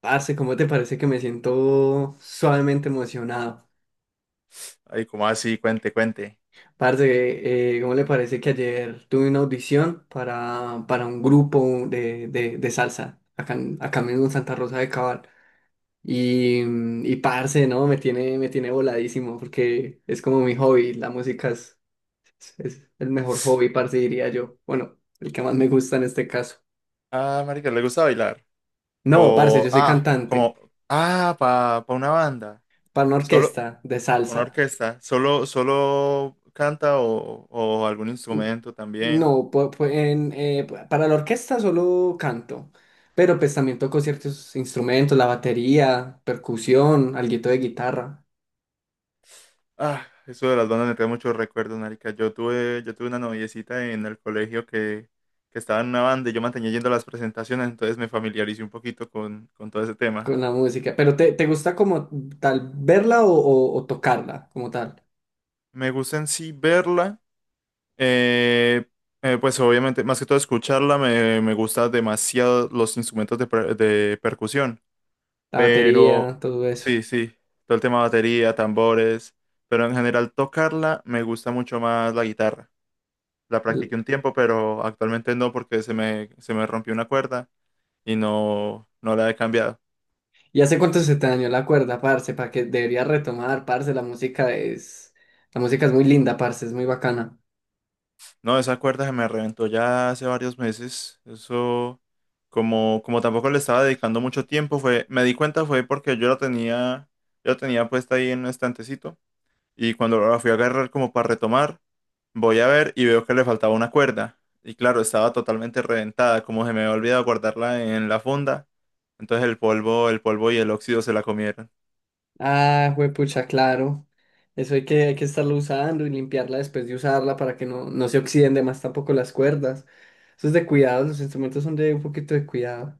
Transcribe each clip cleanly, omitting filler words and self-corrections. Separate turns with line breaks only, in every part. Parce, ¿cómo te parece que me siento suavemente emocionado?
Ay, como así? Cuente, cuente.
Parce, ¿cómo le parece que ayer tuve una audición para un grupo de salsa acá, acá mismo en Santa Rosa de Cabal? Y, y parce, ¿no? Me tiene voladísimo porque es como mi hobby. La música es el mejor hobby, parce, diría yo. Bueno, el que más me gusta en este caso.
Ah, marica, ¿le gusta bailar?
No, parce,
O,
yo soy
ah, como,
cantante
ah, pa una banda.
para una
Solo,
orquesta de
una
salsa.
orquesta. Solo, ¿solo canta o algún instrumento también?
No, para la orquesta solo canto, pero pues también toco ciertos instrumentos, la batería, percusión, alguito de guitarra
Ah, eso de las bandas me trae muchos recuerdos, marica. Yo tuve una noviecita en el colegio que estaba en una banda y yo mantenía yendo a las presentaciones, entonces me familiaricé un poquito con todo ese tema.
con la música. Pero te gusta como tal verla o tocarla como tal?
Me gusta en sí verla. Eh, pues obviamente, más que todo escucharla, me gustan demasiado los instrumentos de, de percusión,
La
pero
batería, todo eso.
sí, sí, todo el tema de batería, tambores, pero en general tocarla me gusta mucho más la guitarra. La
L-
practiqué un tiempo, pero actualmente no porque se me rompió una cuerda y no, no la he cambiado.
¿Y hace cuánto se te dañó la cuerda, parce? Para que deberías retomar, parce, la música es... La música es muy linda, parce, es muy bacana.
No, esa cuerda se me reventó ya hace varios meses. Eso, como, como tampoco le estaba dedicando mucho tiempo, fue, me di cuenta fue porque yo la tenía puesta ahí en un estantecito. Y cuando la fui a agarrar como para retomar, voy a ver y veo que le faltaba una cuerda. Y claro, estaba totalmente reventada, como se me había olvidado guardarla en la funda. Entonces el polvo y el óxido se la comieron.
Ah, juepucha, claro. Eso hay que estarlo usando y limpiarla después de usarla para que no, no se oxiden de más tampoco las cuerdas. Eso es de cuidado, los instrumentos son de un poquito de cuidado.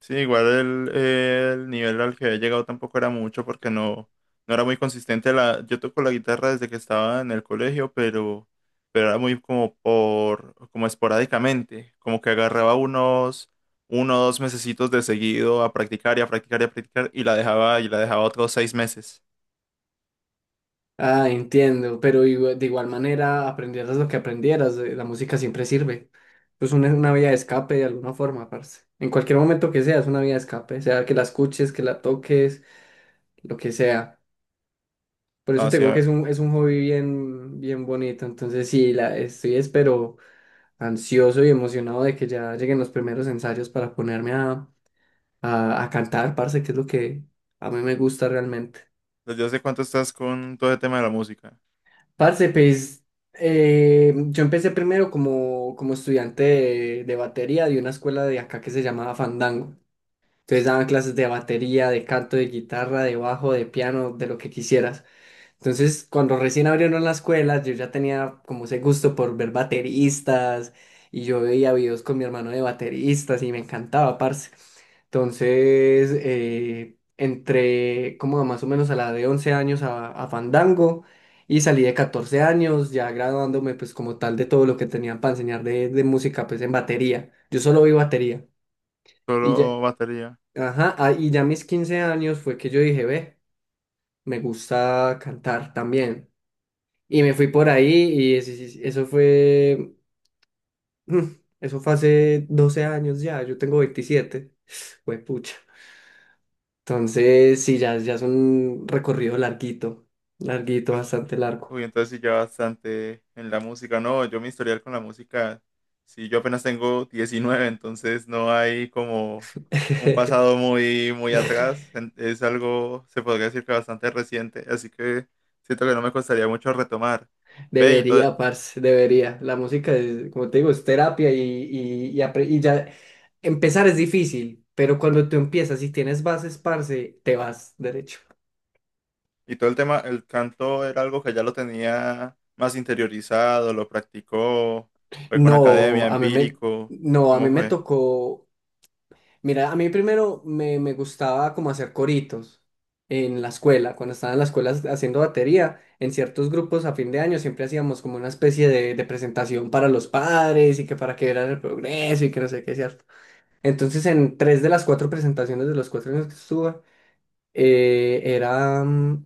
Sí, igual el nivel al que había llegado tampoco era mucho porque no, no era muy consistente. La, yo toco la guitarra desde que estaba en el colegio, pero era muy como por, como esporádicamente, como que agarraba unos, uno o dos mesecitos de seguido a practicar y a practicar y a practicar y la dejaba otros seis meses.
Ah, entiendo, pero de igual manera aprendieras lo que aprendieras, la música siempre sirve. Pues una vía de escape de alguna forma, parce. En cualquier momento que sea, es una vía de escape, sea que la escuches, que la toques, lo que sea. Por
No,
eso
o
te digo que
sea,
es es un hobby bien, bien bonito. Entonces sí, estoy espero ansioso y emocionado de que ya lleguen los primeros ensayos para ponerme a cantar, parce, que es lo que a mí me gusta realmente.
¿desde hace cuánto estás con todo el tema de la música?
Parce, pues yo empecé primero como, como estudiante de batería de una escuela de acá que se llamaba Fandango. Entonces daban clases de batería, de canto, de guitarra, de bajo, de piano, de lo que quisieras. Entonces, cuando recién abrieron las escuelas, yo ya tenía como ese gusto por ver bateristas y yo veía videos con mi hermano de bateristas y me encantaba, parce. Entonces, entré como más o menos a la de 11 años a Fandango y salí de 14 años, ya graduándome pues como tal de todo lo que tenían para enseñar de música pues en batería. Yo solo vi batería y ya,
Solo batería.
ajá, ah, y ya a mis 15 años fue que yo dije, ve, me gusta cantar también. Y me fui por ahí y eso fue, eso fue hace 12 años ya, yo tengo 27 pucha. Entonces, sí, ya es un recorrido larguito, larguito, bastante largo.
Uy, entonces sí ya bastante en la música. No, yo mi historial con la música, sí, yo apenas tengo 19, entonces no hay como un pasado muy, muy atrás. En- es algo, se podría decir que bastante reciente, así que siento que no me costaría mucho retomar. Ve, y todo,
Debería, parce, debería. La música es, como te digo, es terapia y y ya empezar es difícil, pero cuando tú empiezas y tienes bases, parce, te vas derecho.
y todo el tema, el canto era algo que ya lo tenía más interiorizado, lo practicó, fue con
No,
academia,
a mí me,
empírico,
no, a mí
¿cómo
me
fue?
tocó. Mira, a mí primero me gustaba como hacer coritos en la escuela, cuando estaba en la escuela haciendo batería, en ciertos grupos a fin de año siempre hacíamos como una especie de presentación para los padres y que para que vieran el progreso y que no sé qué, ¿cierto? Entonces en tres de las cuatro presentaciones de los cuatro años que estuve, eh, era, mm,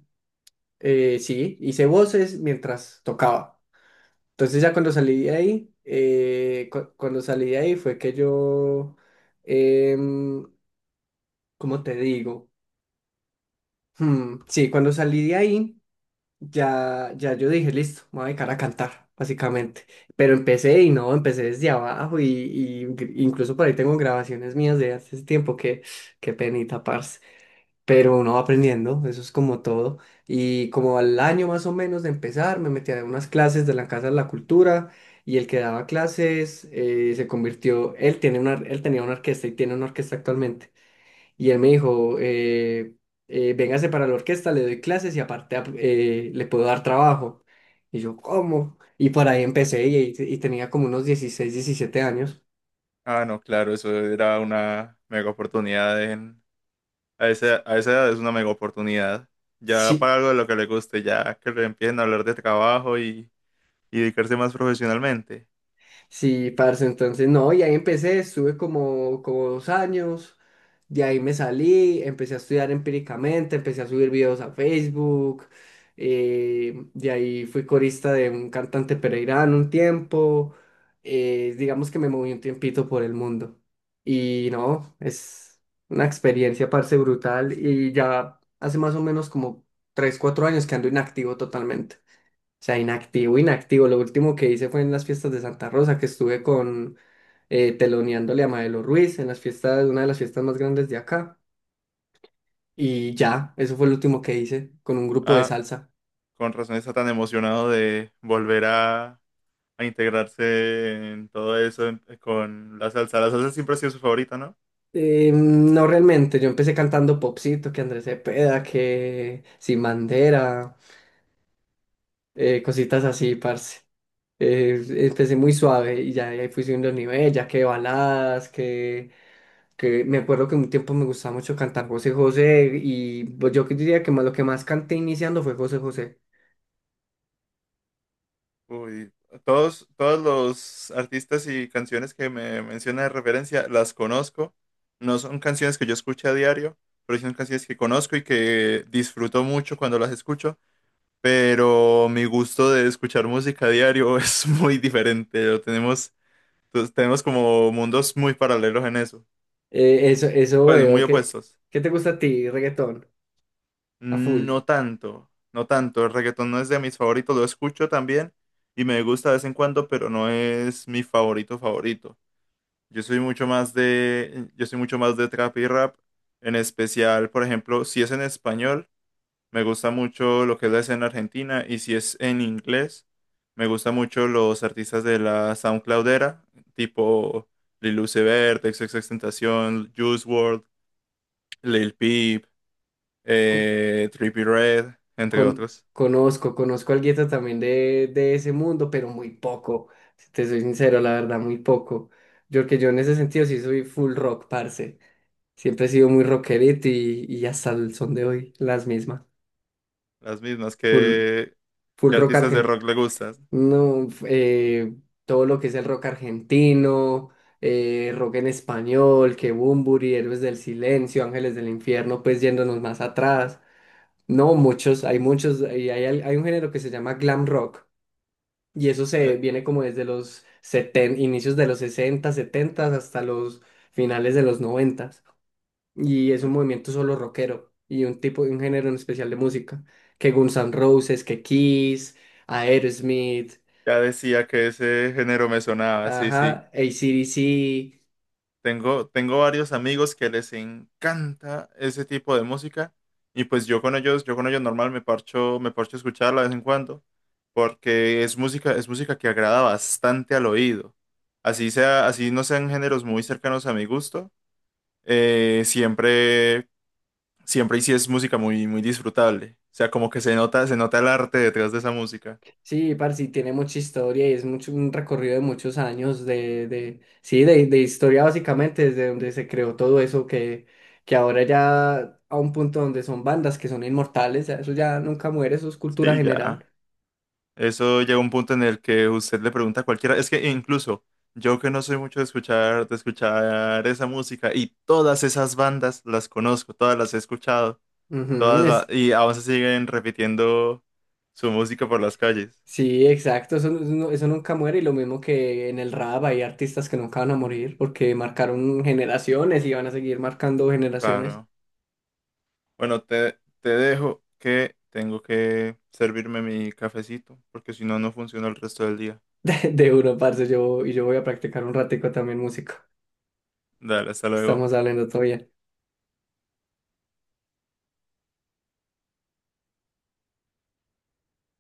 sí, hice voces mientras tocaba. Entonces ya cuando salí de ahí, cuando salí de ahí fue que yo, em, ¿cómo te digo? Sí, cuando salí de ahí, ya yo dije, listo, me voy a dedicar a cantar, básicamente. Pero empecé y no, empecé desde abajo y incluso por ahí tengo grabaciones mías de hace ese tiempo que, qué penita, parce. Pero uno va aprendiendo, eso es como todo. Y como al año más o menos de empezar, me metí a unas clases de la Casa de la Cultura y el que daba clases se convirtió, él tenía una orquesta y tiene una orquesta actualmente. Y él me dijo, véngase para la orquesta, le doy clases y aparte le puedo dar trabajo. Y yo, ¿cómo? Y por ahí empecé y tenía como unos 16 17 años.
Ah, no, claro, eso era una mega oportunidad. En a esa edad es una mega oportunidad. Ya
Sí,
para algo de lo que le guste, ya que le empiecen a hablar de trabajo y dedicarse más profesionalmente.
sí, parce, entonces no, y ahí empecé, estuve como, como dos años, de ahí me salí, empecé a estudiar empíricamente, empecé a subir videos a Facebook, de ahí fui corista de un cantante pereirano un tiempo, digamos que me moví un tiempito por el mundo. Y no, es una experiencia, parce, brutal, y ya hace más o menos como 3 4 años que ando inactivo totalmente, sea, inactivo, inactivo. Lo último que hice fue en las fiestas de Santa Rosa, que estuve con teloneándole a Maelo Ruiz en las fiestas, una de las fiestas más grandes de acá. Y ya, eso fue lo último que hice con un grupo de
Ah,
salsa.
con razón está tan emocionado de volver a integrarse en todo eso en- con la salsa. La salsa siempre ha sido su favorita, ¿no?
No realmente, yo empecé cantando popcito, que Andrés Cepeda, que Sin Bandera, cositas así, parce. Eh, empecé muy suave y ya ahí fui subiendo el nivel, ya que baladas, que me acuerdo que un tiempo me gustaba mucho cantar José José y pues yo que diría que más, lo que más canté iniciando fue José José.
Uy, todos, todos los artistas y canciones que me menciona de referencia las conozco. No son canciones que yo escuche a diario, pero sí son canciones que conozco y que disfruto mucho cuando las escucho, pero mi gusto de escuchar música a diario es muy diferente. Lo tenemos, pues, tenemos como mundos muy paralelos en eso,
Eso
pues
veo.
muy
¿Qué,
opuestos.
qué te gusta a ti, reggaetón? A full.
No tanto, no tanto. El reggaetón no es de mis favoritos, lo escucho también y me gusta de vez en cuando, pero no es mi favorito favorito. Yo soy mucho más de trap y rap, en especial, por ejemplo, si es en español. Me gusta mucho lo que es la escena argentina y si es en inglés, me gusta mucho los artistas de la SoundCloudera, tipo Lil Uzi Vert, XXXTentacion, Juice World, Lil Peep,
Co-
Trippie Redd, entre
Con,
otros.
conozco, conozco algo también de ese mundo, pero muy poco. Si te soy sincero, la verdad, muy poco. Yo en ese sentido sí soy full rock, parce. Siempre he sido muy rockerito y hasta el son de hoy, las mismas.
Las mismas
Full, full
que
rock
artistas de
argentino.
rock le gustan?
No, todo lo que es el rock argentino, rock en español, Bunbury, Héroes del Silencio, Ángeles del Infierno, pues yéndonos más atrás. No, muchos, hay muchos, hay un género que se llama glam rock, y eso
Me-
se viene como desde inicios de los 60 70 hasta los finales de los 90, y es
me-
un movimiento solo rockero, y un tipo, un género en especial de música, que Guns N' Roses, que Kiss, Aerosmith.
ya decía que ese género me sonaba, sí, sí.
Ajá, A C D C
Tengo varios amigos que les encanta ese tipo de música y pues yo con ellos normal me parcho a escucharla de vez en cuando porque es música que agrada bastante al oído. Así sea, así no sean géneros muy cercanos a mi gusto, eh, siempre, siempre y sí es música muy, muy disfrutable. O sea, como que se nota el arte detrás de esa música.
sí, parce, y tiene mucha historia y es mucho, un recorrido de muchos años de historia básicamente, desde donde se creó todo eso que ahora ya a un punto donde son bandas que son inmortales, ya eso ya nunca muere, eso es cultura
Sí, ya.
general.
Eso llega a un punto en el que usted le pregunta a cualquiera, es que incluso yo que no soy mucho de escuchar esa música y todas esas bandas las conozco, todas las he escuchado,
Ujú,
y aún se siguen repitiendo su música por las calles.
sí, exacto, eso, eso nunca muere y lo mismo que en el rap hay artistas que nunca van a morir porque marcaron generaciones y van a seguir marcando generaciones.
Claro. Bueno, te dejo que tengo que servirme mi cafecito, porque si no, no funciona el resto del día.
De uno, parce, y yo voy a practicar un ratico también música.
Dale, hasta luego.
Estamos hablando todavía.